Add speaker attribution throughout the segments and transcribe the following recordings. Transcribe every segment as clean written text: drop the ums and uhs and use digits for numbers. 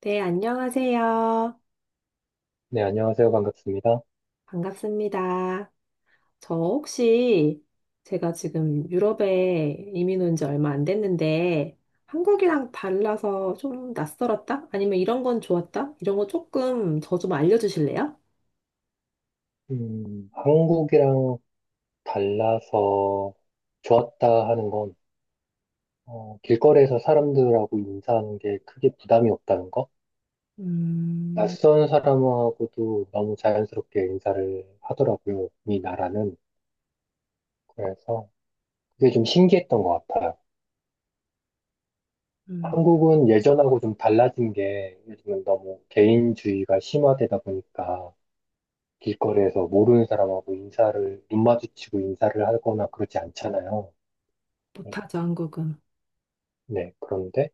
Speaker 1: 네, 안녕하세요.
Speaker 2: 네, 안녕하세요. 반갑습니다.
Speaker 1: 반갑습니다. 저 혹시 제가 지금 유럽에 이민 온 지 얼마 안 됐는데 한국이랑 달라서 좀 낯설었다? 아니면 이런 건 좋았다? 이런 거 조금 저 좀 알려주실래요?
Speaker 2: 한국이랑 달라서 좋았다 하는 건, 길거리에서 사람들하고 인사하는 게 크게 부담이 없다는 거?
Speaker 1: 음,
Speaker 2: 낯선 사람하고도 너무 자연스럽게 인사를 하더라고요. 이 나라는. 그래서 그게 좀 신기했던 것 같아요.
Speaker 1: 음,
Speaker 2: 한국은 예전하고 좀 달라진 게 요즘은 너무 개인주의가 심화되다 보니까 길거리에서 모르는 사람하고 인사를, 눈 마주치고 인사를 하거나 그러지 않잖아요.
Speaker 1: 못하죠, 한국은.
Speaker 2: 네, 그런데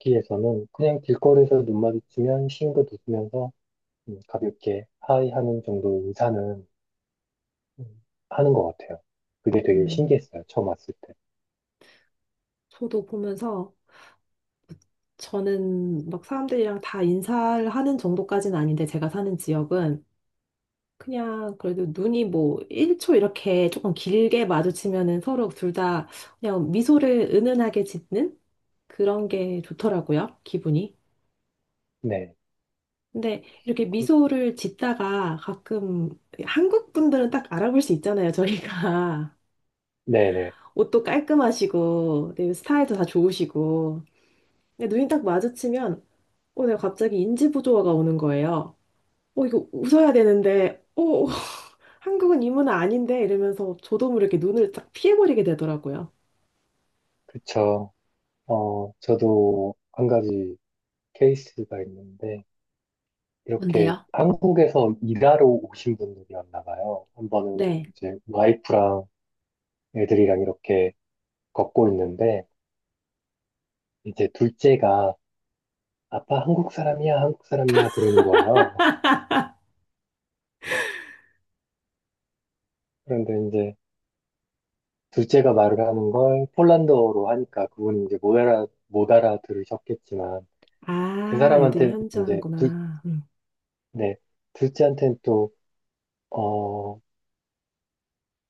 Speaker 2: 여기에서는 그냥 길거리에서 눈 마주치면 싱긋 웃으면서 가볍게 하이 하는 정도 인사는 음, 하는 것 같아요. 그게 되게
Speaker 1: 음,
Speaker 2: 신기했어요. 처음 왔을 때.
Speaker 1: 저도 보면서 저는 막 사람들이랑 다 인사를 하는 정도까지는 아닌데 제가 사는 지역은 그냥 그래도 눈이 뭐 1초 이렇게 조금 길게 마주치면은 서로 둘 다 그냥 미소를 은은하게 짓는 그런 게 좋더라고요, 기분이.
Speaker 2: 네,
Speaker 1: 근데 이렇게
Speaker 2: 그,
Speaker 1: 미소를 짓다가 가끔 한국 분들은 딱 알아볼 수 있잖아요, 저희가.
Speaker 2: 네네,
Speaker 1: 옷도 깔끔하시고, 네, 스타일도 다 좋으시고. 근데 눈이 딱 마주치면, 내가 갑자기 인지부조화가 오는 거예요. 이거 웃어야 되는데, 한국은 이 문화 아닌데 이러면서 저도 모르게 눈을 쫙 피해버리게 되더라고요.
Speaker 2: 그쵸. 저도 한 가지 케이스가 있는데 이렇게
Speaker 1: 뭔데요?
Speaker 2: 한국에서 일하러 오신 분들이었나 봐요. 한 번은
Speaker 1: 네.
Speaker 2: 이제 와이프랑 애들이랑 이렇게 걷고 있는데 이제 둘째가 아빠 한국 사람이야, 한국 사람이야, 그러는 거예요. 그런데 이제 둘째가 말을 하는 걸 폴란드어로 하니까 그분이 이제 못 알아들으셨겠지만 그
Speaker 1: 아, 애들이
Speaker 2: 사람한테 이제
Speaker 1: 현지하는구나. 음.
Speaker 2: 네, 둘째한테는 또, 어,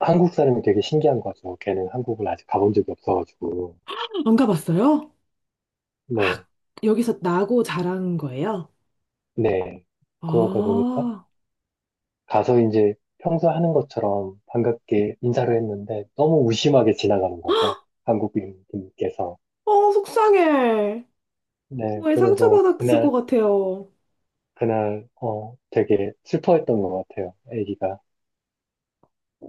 Speaker 2: 한국 사람이 되게 신기한 거죠. 걔는 한국을 아직 가본 적이 없어가지고.
Speaker 1: 안 가봤어요? 아,
Speaker 2: 네,
Speaker 1: 여기서 나고 자란 거예요?
Speaker 2: 네. 그러다
Speaker 1: 아,
Speaker 2: 보니까 가서 이제 평소 하는 것처럼 반갑게 인사를 했는데 너무 무심하게 지나가는 거죠. 한국인분께서.
Speaker 1: 속상해.
Speaker 2: 네,
Speaker 1: 왜
Speaker 2: 그래서
Speaker 1: 상처받았을 것
Speaker 2: 그날
Speaker 1: 같아요.
Speaker 2: 그날 되게 슬퍼했던 것 같아요. 아기가.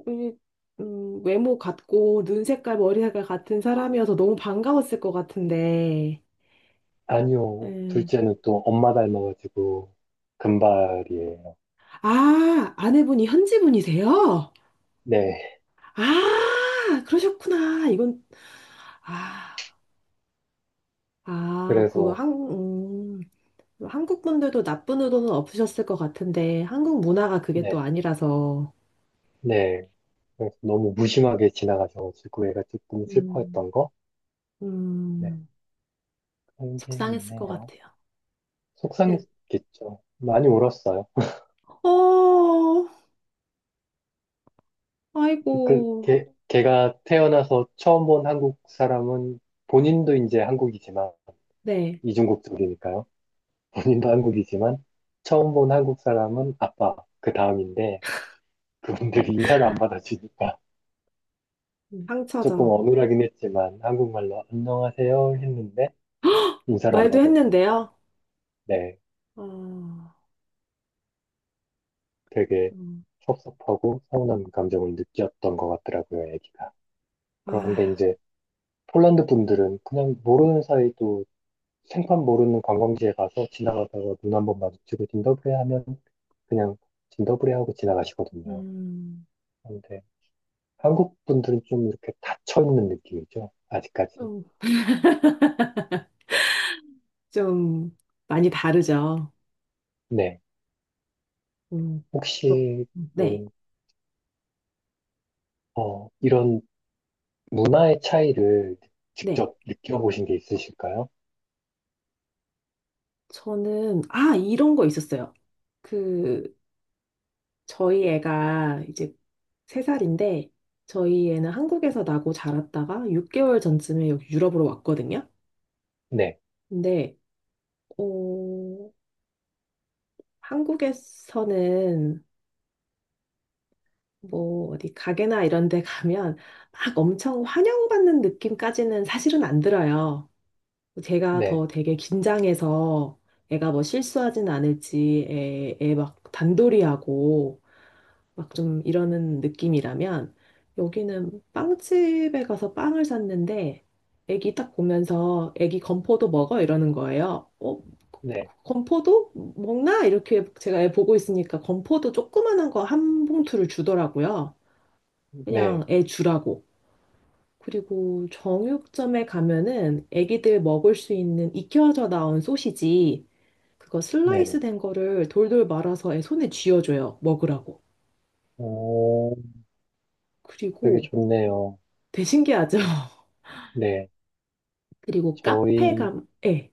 Speaker 1: 이, 외모 같고, 눈 색깔, 머리 색깔 같은 사람이어서 너무 반가웠을 것 같은데.
Speaker 2: 아니요.
Speaker 1: 음.
Speaker 2: 둘째는 또 엄마 닮아가지고 금발이에요.
Speaker 1: 아, 아내분이 현지분이세요?
Speaker 2: 네.
Speaker 1: 아, 그러셨구나. 이건, 아, 그
Speaker 2: 그래서
Speaker 1: 한국 분들도 나쁜 의도는 없으셨을 것 같은데, 한국 문화가 그게 또
Speaker 2: 네.
Speaker 1: 아니라서,
Speaker 2: 네. 그래서 너무 무심하게 지나가셔가지고 애가 조금
Speaker 1: 음,
Speaker 2: 슬퍼했던 거? 네.
Speaker 1: 음,
Speaker 2: 그런 게
Speaker 1: 속상했을 것
Speaker 2: 있네요.
Speaker 1: 같아요. 네.
Speaker 2: 속상했겠죠. 많이 울었어요.
Speaker 1: 어, 아이고,
Speaker 2: 걔가 태어나서 처음 본 한국 사람은 본인도 이제 한국이지만
Speaker 1: 네,
Speaker 2: 이중국적이니까요. 본인도 한국이지만 처음 본 한국 사람은 아빠, 그 다음인데 그분들이 인사를 안 받아주니까 조금
Speaker 1: 상처죠.
Speaker 2: 어눌하긴 했지만 한국말로 안녕하세요 했는데 인사를 안
Speaker 1: 말도
Speaker 2: 받아주니까
Speaker 1: 했는데요.
Speaker 2: 네,
Speaker 1: 어,
Speaker 2: 되게
Speaker 1: 음,
Speaker 2: 섭섭하고 서운한 감정을 느꼈던 것 같더라고요, 애기가.
Speaker 1: 아,
Speaker 2: 그런데 이제 폴란드 분들은 그냥 모르는 사이도 생판 모르는 관광지에 가서 지나가다가 눈 한 번 마주치고 진더브레 하면 그냥 진더브레 하고 지나가시거든요.
Speaker 1: 음,
Speaker 2: 근데 한국 분들은 좀 이렇게 닫혀 있는 느낌이죠. 아직까지.
Speaker 1: 좀, 좀 많이 다르죠.
Speaker 2: 네.
Speaker 1: 음, 또,
Speaker 2: 혹시,
Speaker 1: 네,
Speaker 2: 음, 이런 문화의 차이를
Speaker 1: 네.
Speaker 2: 직접 느껴보신 게 있으실까요?
Speaker 1: 저는, 이런 거 있었어요. 그, 저희 애가 이제 세살인데 저희 애는 한국에서 나고 자랐다가 6개월 전쯤에 여기 유럽으로 왔거든요.
Speaker 2: 네.
Speaker 1: 근데, 어, 한국에서는 뭐 어디 가게나 이런 데 가면 막 엄청 환영받는 느낌까지는 사실은 안 들어요. 제가
Speaker 2: 네.
Speaker 1: 더 되게 긴장해서 애가 뭐 실수하진 않을지 애막 단돌이하고 막 좀 이러는 느낌이라면 여기는 빵집에 가서 빵을 샀는데 애기 딱 보면서 애기 건포도 먹어 이러는 거예요.
Speaker 2: 네.
Speaker 1: 건포도 먹나? 이렇게 제가 애 보고 있으니까 건포도 조그만한 거 한 봉투를 주더라고요. 그냥
Speaker 2: 네.
Speaker 1: 애 주라고. 그리고 정육점에 가면은 애기들 먹을 수 있는 익혀져 나온 소시지 그거 슬라이스
Speaker 2: 네네.
Speaker 1: 된 거를 돌돌 말아서 애 손에 쥐어줘요. 먹으라고.
Speaker 2: 오, 되게
Speaker 1: 그리고
Speaker 2: 좋네요.
Speaker 1: 되게 신기하죠?
Speaker 2: 네.
Speaker 1: 그리고 카페
Speaker 2: 저희
Speaker 1: 예,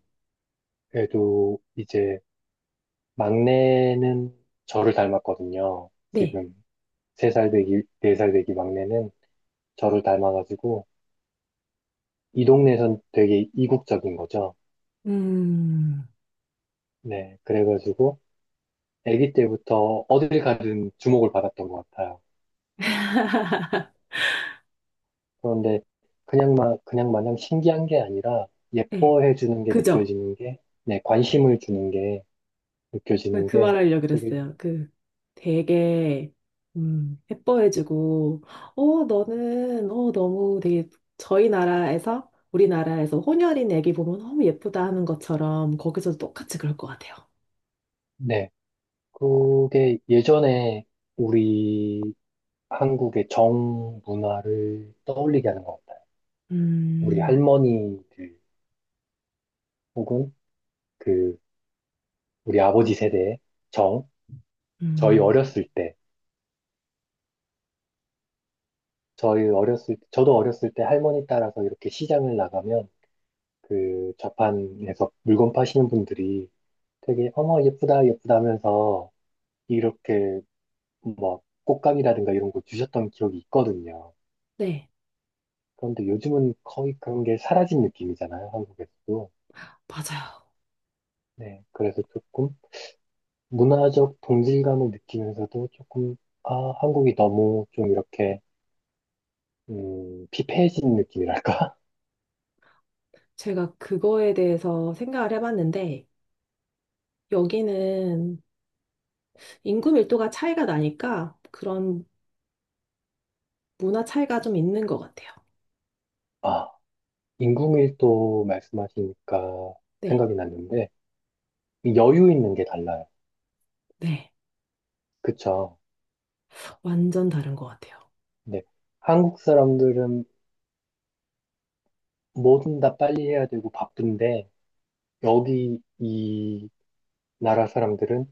Speaker 2: 애도 이제 막내는 저를 닮았거든요.
Speaker 1: 네.
Speaker 2: 지금 3살 되기, 4살 되기 막내는 저를 닮아가지고 이 동네에선 되게 이국적인 거죠.
Speaker 1: 음,
Speaker 2: 네, 그래가지고 아기 때부터 어딜 가든 주목을 받았던 것 같아요. 그런데 그냥 마냥 신기한 게 아니라
Speaker 1: 예,
Speaker 2: 예뻐해 주는 게
Speaker 1: 그죠?
Speaker 2: 느껴지는 게, 네, 관심을 주는 게 느껴지는
Speaker 1: 그
Speaker 2: 게
Speaker 1: 말하려고
Speaker 2: 되게,
Speaker 1: 그랬어요. 그 되게,
Speaker 2: 예-
Speaker 1: 예뻐해주고, 너는, 너무 되게 저희 나라에서, 우리나라에서 혼혈인 애기 보면 너무 예쁘다 하는 것처럼 거기서도 똑같이 그럴 것 같아요.
Speaker 2: 네, 그게 예전에 우리 한국의 정 문화를 떠올리게 하는 것 같아요. 우리
Speaker 1: 음,
Speaker 2: 할머니들 혹은 그 우리 아버지 세대의 정, 저희
Speaker 1: 음,
Speaker 2: 어렸을 때 저희 어렸을, 저도 어렸을 때 할머니 따라서 이렇게 시장을 나가면 그 좌판에서 물건 파시는 분들이 되게 어머 예쁘다 예쁘다 하면서 이렇게 뭐 꽃감이라든가 이런 거 주셨던 기억이 있거든요.
Speaker 1: 네,
Speaker 2: 그런데 요즘은 거의 그런 게 사라진 느낌이잖아요, 한국에서도.
Speaker 1: 맞아요.
Speaker 2: 네, 그래서 조금 문화적 동질감을 느끼면서도 조금 아, 한국이 너무 좀 이렇게 피폐해진 느낌이랄까?
Speaker 1: 제가 그거에 대해서 생각을 해봤는데, 여기는 인구 밀도가 차이가 나니까 그런 문화 차이가 좀 있는 것 같아요.
Speaker 2: 인구밀도 말씀하시니까
Speaker 1: 네,
Speaker 2: 생각이 났는데 이 여유 있는 게 달라요.
Speaker 1: 네,
Speaker 2: 그쵸?
Speaker 1: 완전 다른 것 같아요.
Speaker 2: 죠 한국 사람들은 뭐든 다 빨리 해야 되고 바쁜데 여기 이 나라 사람들은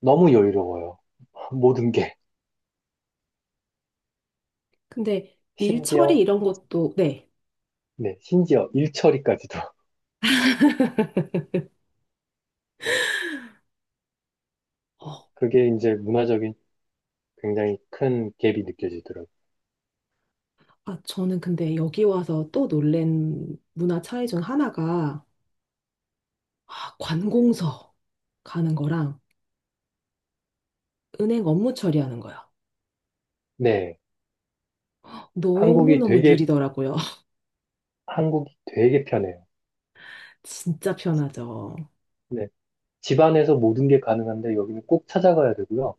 Speaker 2: 너무 여유로워요. 모든 게
Speaker 1: 근데 일 처리
Speaker 2: 심지어
Speaker 1: 이런 것도, 네.
Speaker 2: 네 심지어 일처리까지도
Speaker 1: 어,
Speaker 2: 그게 이제 문화적인 굉장히 큰 갭이 느껴지더라고요.
Speaker 1: 저는 근데 여기 와서 또 놀란 문화 차이 중 하나가 아,
Speaker 2: 네,
Speaker 1: 관공서 가는 거랑 은행 업무 처리하는 거예요.
Speaker 2: 네. 한국이
Speaker 1: 너무너무
Speaker 2: 되게
Speaker 1: 느리더라고요.
Speaker 2: 한국이 되게 편해요.
Speaker 1: 진짜 편하죠.
Speaker 2: 네, 집 안에서 모든 게 가능한데 여기는 꼭 찾아가야 되고요.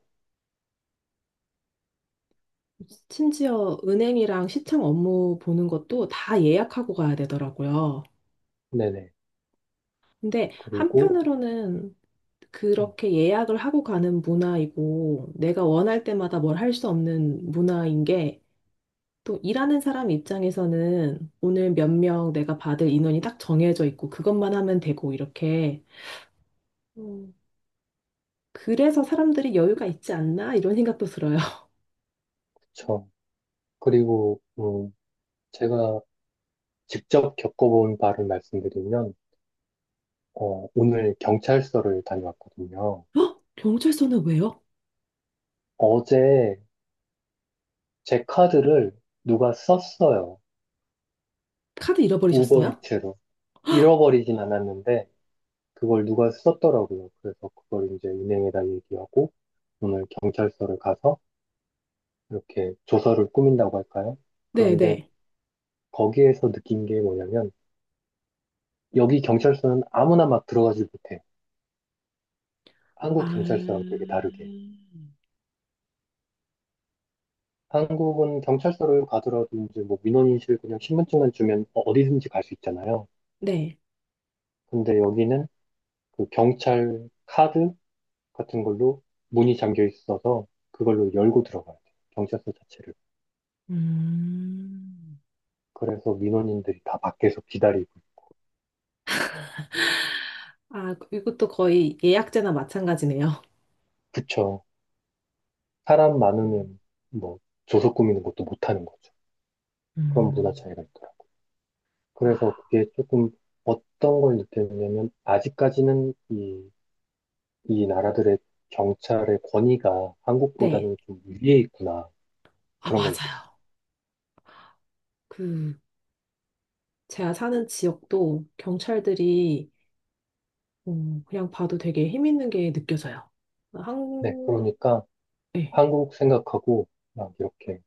Speaker 1: 심지어 은행이랑 시청 업무 보는 것도 다 예약하고 가야 되더라고요.
Speaker 2: 네네.
Speaker 1: 근데
Speaker 2: 그리고,
Speaker 1: 한편으로는
Speaker 2: 음,
Speaker 1: 그렇게 예약을 하고 가는 문화이고, 내가 원할 때마다 뭘 할 수 없는 문화인 게, 또 일하는 사람 입장에서는 오늘 몇 명 내가 받을 인원이 딱 정해져 있고, 그것만 하면 되고, 이렇게. 음. 그래서 사람들이 여유가 있지 않나? 이런 생각도 들어요.
Speaker 2: 그쵸. 그리고, 제가 직접 겪어본 바를 말씀드리면, 오늘 경찰서를 다녀왔거든요.
Speaker 1: 어? 경찰서는 왜요?
Speaker 2: 어제 제 카드를 누가 썼어요.
Speaker 1: 카드 잃어버리셨어요?
Speaker 2: 우버이츠로. 잃어버리진 않았는데, 그걸 누가 썼더라고요. 그래서 그걸 이제 은행에다 얘기하고, 오늘 경찰서를 가서 이렇게 조서를 꾸민다고 할까요? 그런데
Speaker 1: 네네.
Speaker 2: 거기에서 느낀 게 뭐냐면, 여기 경찰서는 아무나 막 들어가지 못해요. 한국 경찰서랑
Speaker 1: 아,
Speaker 2: 되게 다르게. 한국은 경찰서를 가더라도 이제 뭐 민원인실 그냥 신분증만 주면 어디든지 갈 수 있잖아요.
Speaker 1: 네.
Speaker 2: 근데 여기는 그 경찰 카드 같은 걸로 문이 잠겨 있어서 그걸로 열고 들어가야 돼요. 경찰서 자체를.
Speaker 1: 음,
Speaker 2: 그래서 민원인들이 다 밖에서 기다리고.
Speaker 1: 아, 이것도 거의 예약제나 마찬가지네요.
Speaker 2: 그쵸. 사람
Speaker 1: 음.
Speaker 2: 많으면 뭐 조서 꾸미는 것도 못하는 거죠. 그런 문화
Speaker 1: 음.
Speaker 2: 차이가 있더라고요.
Speaker 1: 아,
Speaker 2: 그래서 그게 조금 어떤 걸 느꼈냐면 아직까지는 이 나라들의 경찰의 권위가
Speaker 1: 네.
Speaker 2: 한국보다는 좀 위에 있구나.
Speaker 1: 아,
Speaker 2: 그런 걸 느꼈어요.
Speaker 1: 맞아요. 그, 제가 사는 지역도 경찰들이 그냥 봐도 되게 힘 있는 게 느껴져요. 한,
Speaker 2: 네,
Speaker 1: 국
Speaker 2: 그러니까
Speaker 1: 네.
Speaker 2: 한국 생각하고 막 이렇게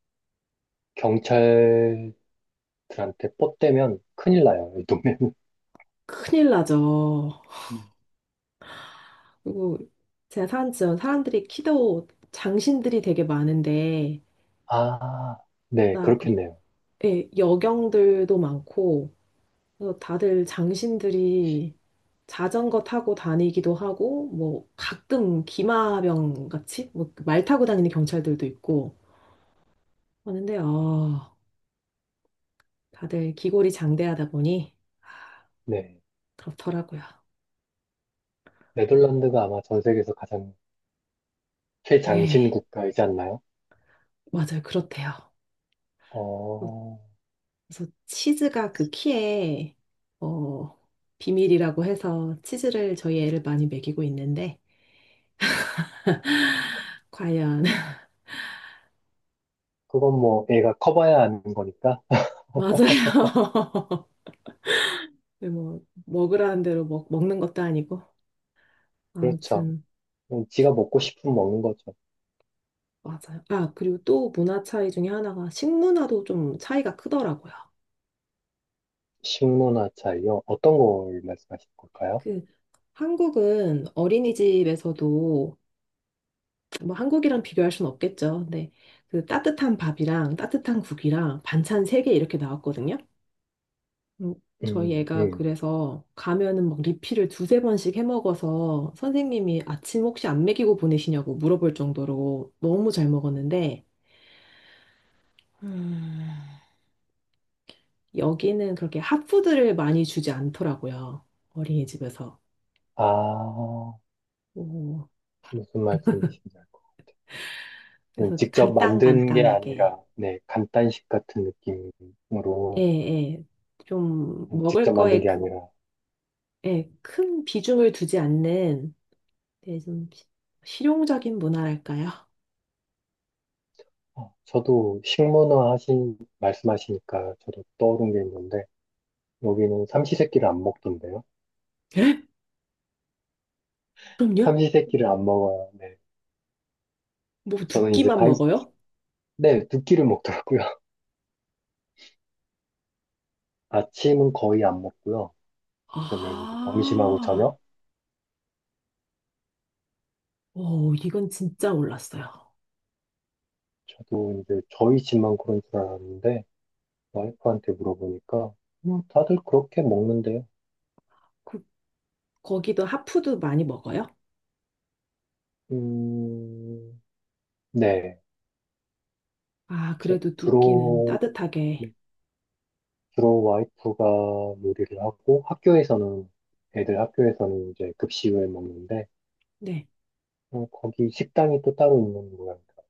Speaker 2: 경찰들한테 뻗대면 큰일 나요. 이 동네는.
Speaker 1: 큰일 나죠.
Speaker 2: 네.
Speaker 1: 그리고 제가 사는 지역 사람들이 키도 장신들이 되게 많은데,
Speaker 2: 아, 네,
Speaker 1: 나, 그리,
Speaker 2: 그렇겠네요.
Speaker 1: 예, 여경들도 많고, 그래서 다들 장신들이 자전거 타고 다니기도 하고, 뭐, 가끔 기마병 같이, 뭐, 말 타고 다니는 경찰들도 있고, 하는데 다들 기골이 장대하다 보니
Speaker 2: 네.
Speaker 1: 그렇더라고요.
Speaker 2: 네덜란드가 아마 전 세계에서 가장 최장신
Speaker 1: 예,
Speaker 2: 국가이지 않나요?
Speaker 1: 맞아요. 그렇대요.
Speaker 2: 어,
Speaker 1: 그래서 치즈가 그 키에 어, 비밀이라고 해서 치즈를 저희 애를 많이 먹이고 있는데 과연
Speaker 2: 그건 뭐 애가 커봐야 아는 거니까.
Speaker 1: 맞아요. 뭐 먹으라는 대로 먹는 것도 아니고
Speaker 2: 그렇죠.
Speaker 1: 아무튼
Speaker 2: 그럼 지가 먹고 싶으면 먹는 거죠.
Speaker 1: 맞아요. 아, 그리고 또 문화 차이 중에 하나가 식문화도 좀 차이가 크더라고요.
Speaker 2: 식문화 차이요. 어떤 걸 말씀하실 걸까요?
Speaker 1: 그 한국은 어린이집에서도 뭐 한국이랑 비교할 순 없겠죠. 근데 그 따뜻한 밥이랑 따뜻한 국이랑 반찬 세 개 이렇게 나왔거든요. 음, 저희
Speaker 2: 음,
Speaker 1: 애가
Speaker 2: 음.
Speaker 1: 그래서 가면은 막 리필을 두세 번씩 해 먹어서 선생님이 아침 혹시 안 먹이고 보내시냐고 물어볼 정도로 너무 잘 먹었는데 음, 여기는 그렇게 핫푸드를 많이 주지 않더라고요. 어린이집에서.
Speaker 2: 아,
Speaker 1: 오,
Speaker 2: 무슨 말씀이신지 알 것. 같아요.
Speaker 1: 그래서
Speaker 2: 직접 만든 게
Speaker 1: 간단간단하게.
Speaker 2: 아니라, 네, 간단식 같은
Speaker 1: 예,
Speaker 2: 느낌으로
Speaker 1: 예. 좀 먹을
Speaker 2: 직접 만든
Speaker 1: 거에
Speaker 2: 게
Speaker 1: 그
Speaker 2: 아니라,
Speaker 1: 예, 큰 비중을 두지 않는 예, 좀 실용적인 문화랄까요?
Speaker 2: 저도 말씀하시니까 저도 떠오른 게 있는데, 여기는 삼시세끼를 안 먹던데요?
Speaker 1: 예? 그럼요?
Speaker 2: 삼시세끼를 안 먹어요. 네.
Speaker 1: 뭐 두
Speaker 2: 저는 이제
Speaker 1: 끼만 먹어요?
Speaker 2: 네, 두 끼를 먹더라고요. 아침은 거의 안 먹고요. 보면 이제 점심하고
Speaker 1: 아,
Speaker 2: 저녁?
Speaker 1: 오, 이건 진짜 몰랐어요.
Speaker 2: 저도 이제 저희 집만 그런 줄 알았는데, 와이프한테 물어보니까 뭐 다들 그렇게 먹는데요.
Speaker 1: 그, 거기도 핫푸드 많이 먹어요?
Speaker 2: 음, 네.
Speaker 1: 아,
Speaker 2: 주,
Speaker 1: 그래도 두 끼는
Speaker 2: 로
Speaker 1: 따뜻하게.
Speaker 2: 주로 와이프가 요리를 하고 학교에서는 애들 학교에서는 이제 급식을 먹는데
Speaker 1: 네.
Speaker 2: 거기 식당이 또 따로 있는 모양이다.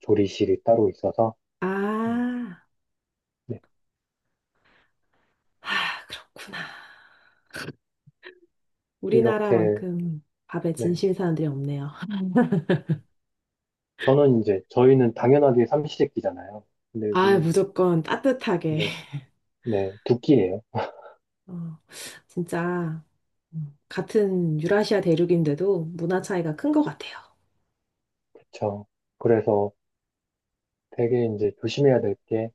Speaker 2: 조리실이 따로 있어서 음,
Speaker 1: 아,
Speaker 2: 네.
Speaker 1: 아, 그렇구나.
Speaker 2: 이렇게
Speaker 1: 우리나라만큼 밥에
Speaker 2: 네.
Speaker 1: 진심인 사람들이 없네요.
Speaker 2: 저는 이제 저희는 당연하게 삼시세끼잖아요. 근데
Speaker 1: 아,
Speaker 2: 여기는
Speaker 1: 무조건 따뜻하게.
Speaker 2: 네. 네. 두 끼예요.
Speaker 1: 어, 진짜. 같은 유라시아 대륙인데도 문화 차이가 큰 것 같아요.
Speaker 2: 그렇죠. 그래서 되게 이제 조심해야 될게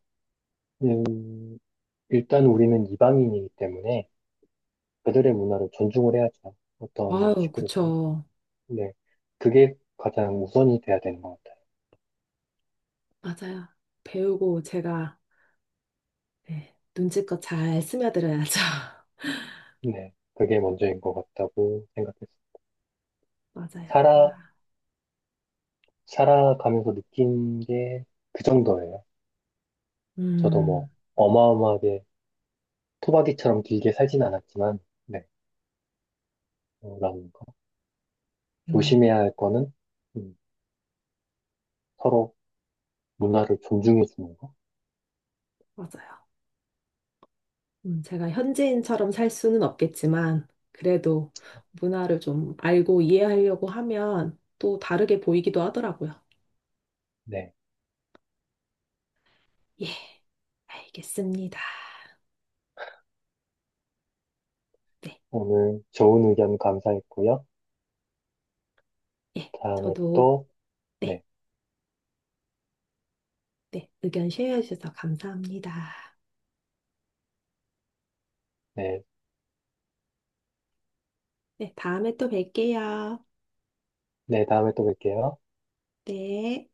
Speaker 2: 일단 우리는 이방인이기 때문에 그들의 문화를 존중을 해야죠. 어떤
Speaker 1: 아유,
Speaker 2: 식으로든.
Speaker 1: 그쵸.
Speaker 2: 네. 그게 가장 우선이 돼야 되는 것 같아요.
Speaker 1: 맞아요. 배우고 제가 네, 눈치껏 잘 스며들어야죠.
Speaker 2: 네. 그게 먼저인 것 같다고 생각했어요.
Speaker 1: 맞아요.
Speaker 2: 살아,
Speaker 1: 아,
Speaker 2: 살아가면서 느낀 게 그 정도예요. 저도 뭐
Speaker 1: 음,
Speaker 2: 어마어마하게 토박이처럼 길게 살진 않았지만, 네. 라는 거.
Speaker 1: 음,
Speaker 2: 조심해야 할 거는, 음, 서로 문화를 존중해 주는 거.
Speaker 1: 맞아요. 제가 현지인처럼 살 수는 없겠지만, 그래도 문화를 좀 알고 이해하려고 하면 또 다르게 보이기도 하더라고요.
Speaker 2: 네.
Speaker 1: 예, 알겠습니다. 네,
Speaker 2: 오늘 좋은 의견 감사했고요.
Speaker 1: 예,
Speaker 2: 다음에
Speaker 1: 저도,
Speaker 2: 또,
Speaker 1: 네,
Speaker 2: 네.
Speaker 1: 네, 의견 쉐어해 주셔서 감사합니다.
Speaker 2: 네.
Speaker 1: 네, 다음에 또 뵐게요.
Speaker 2: 네, 다음에 또 뵐게요.
Speaker 1: 네.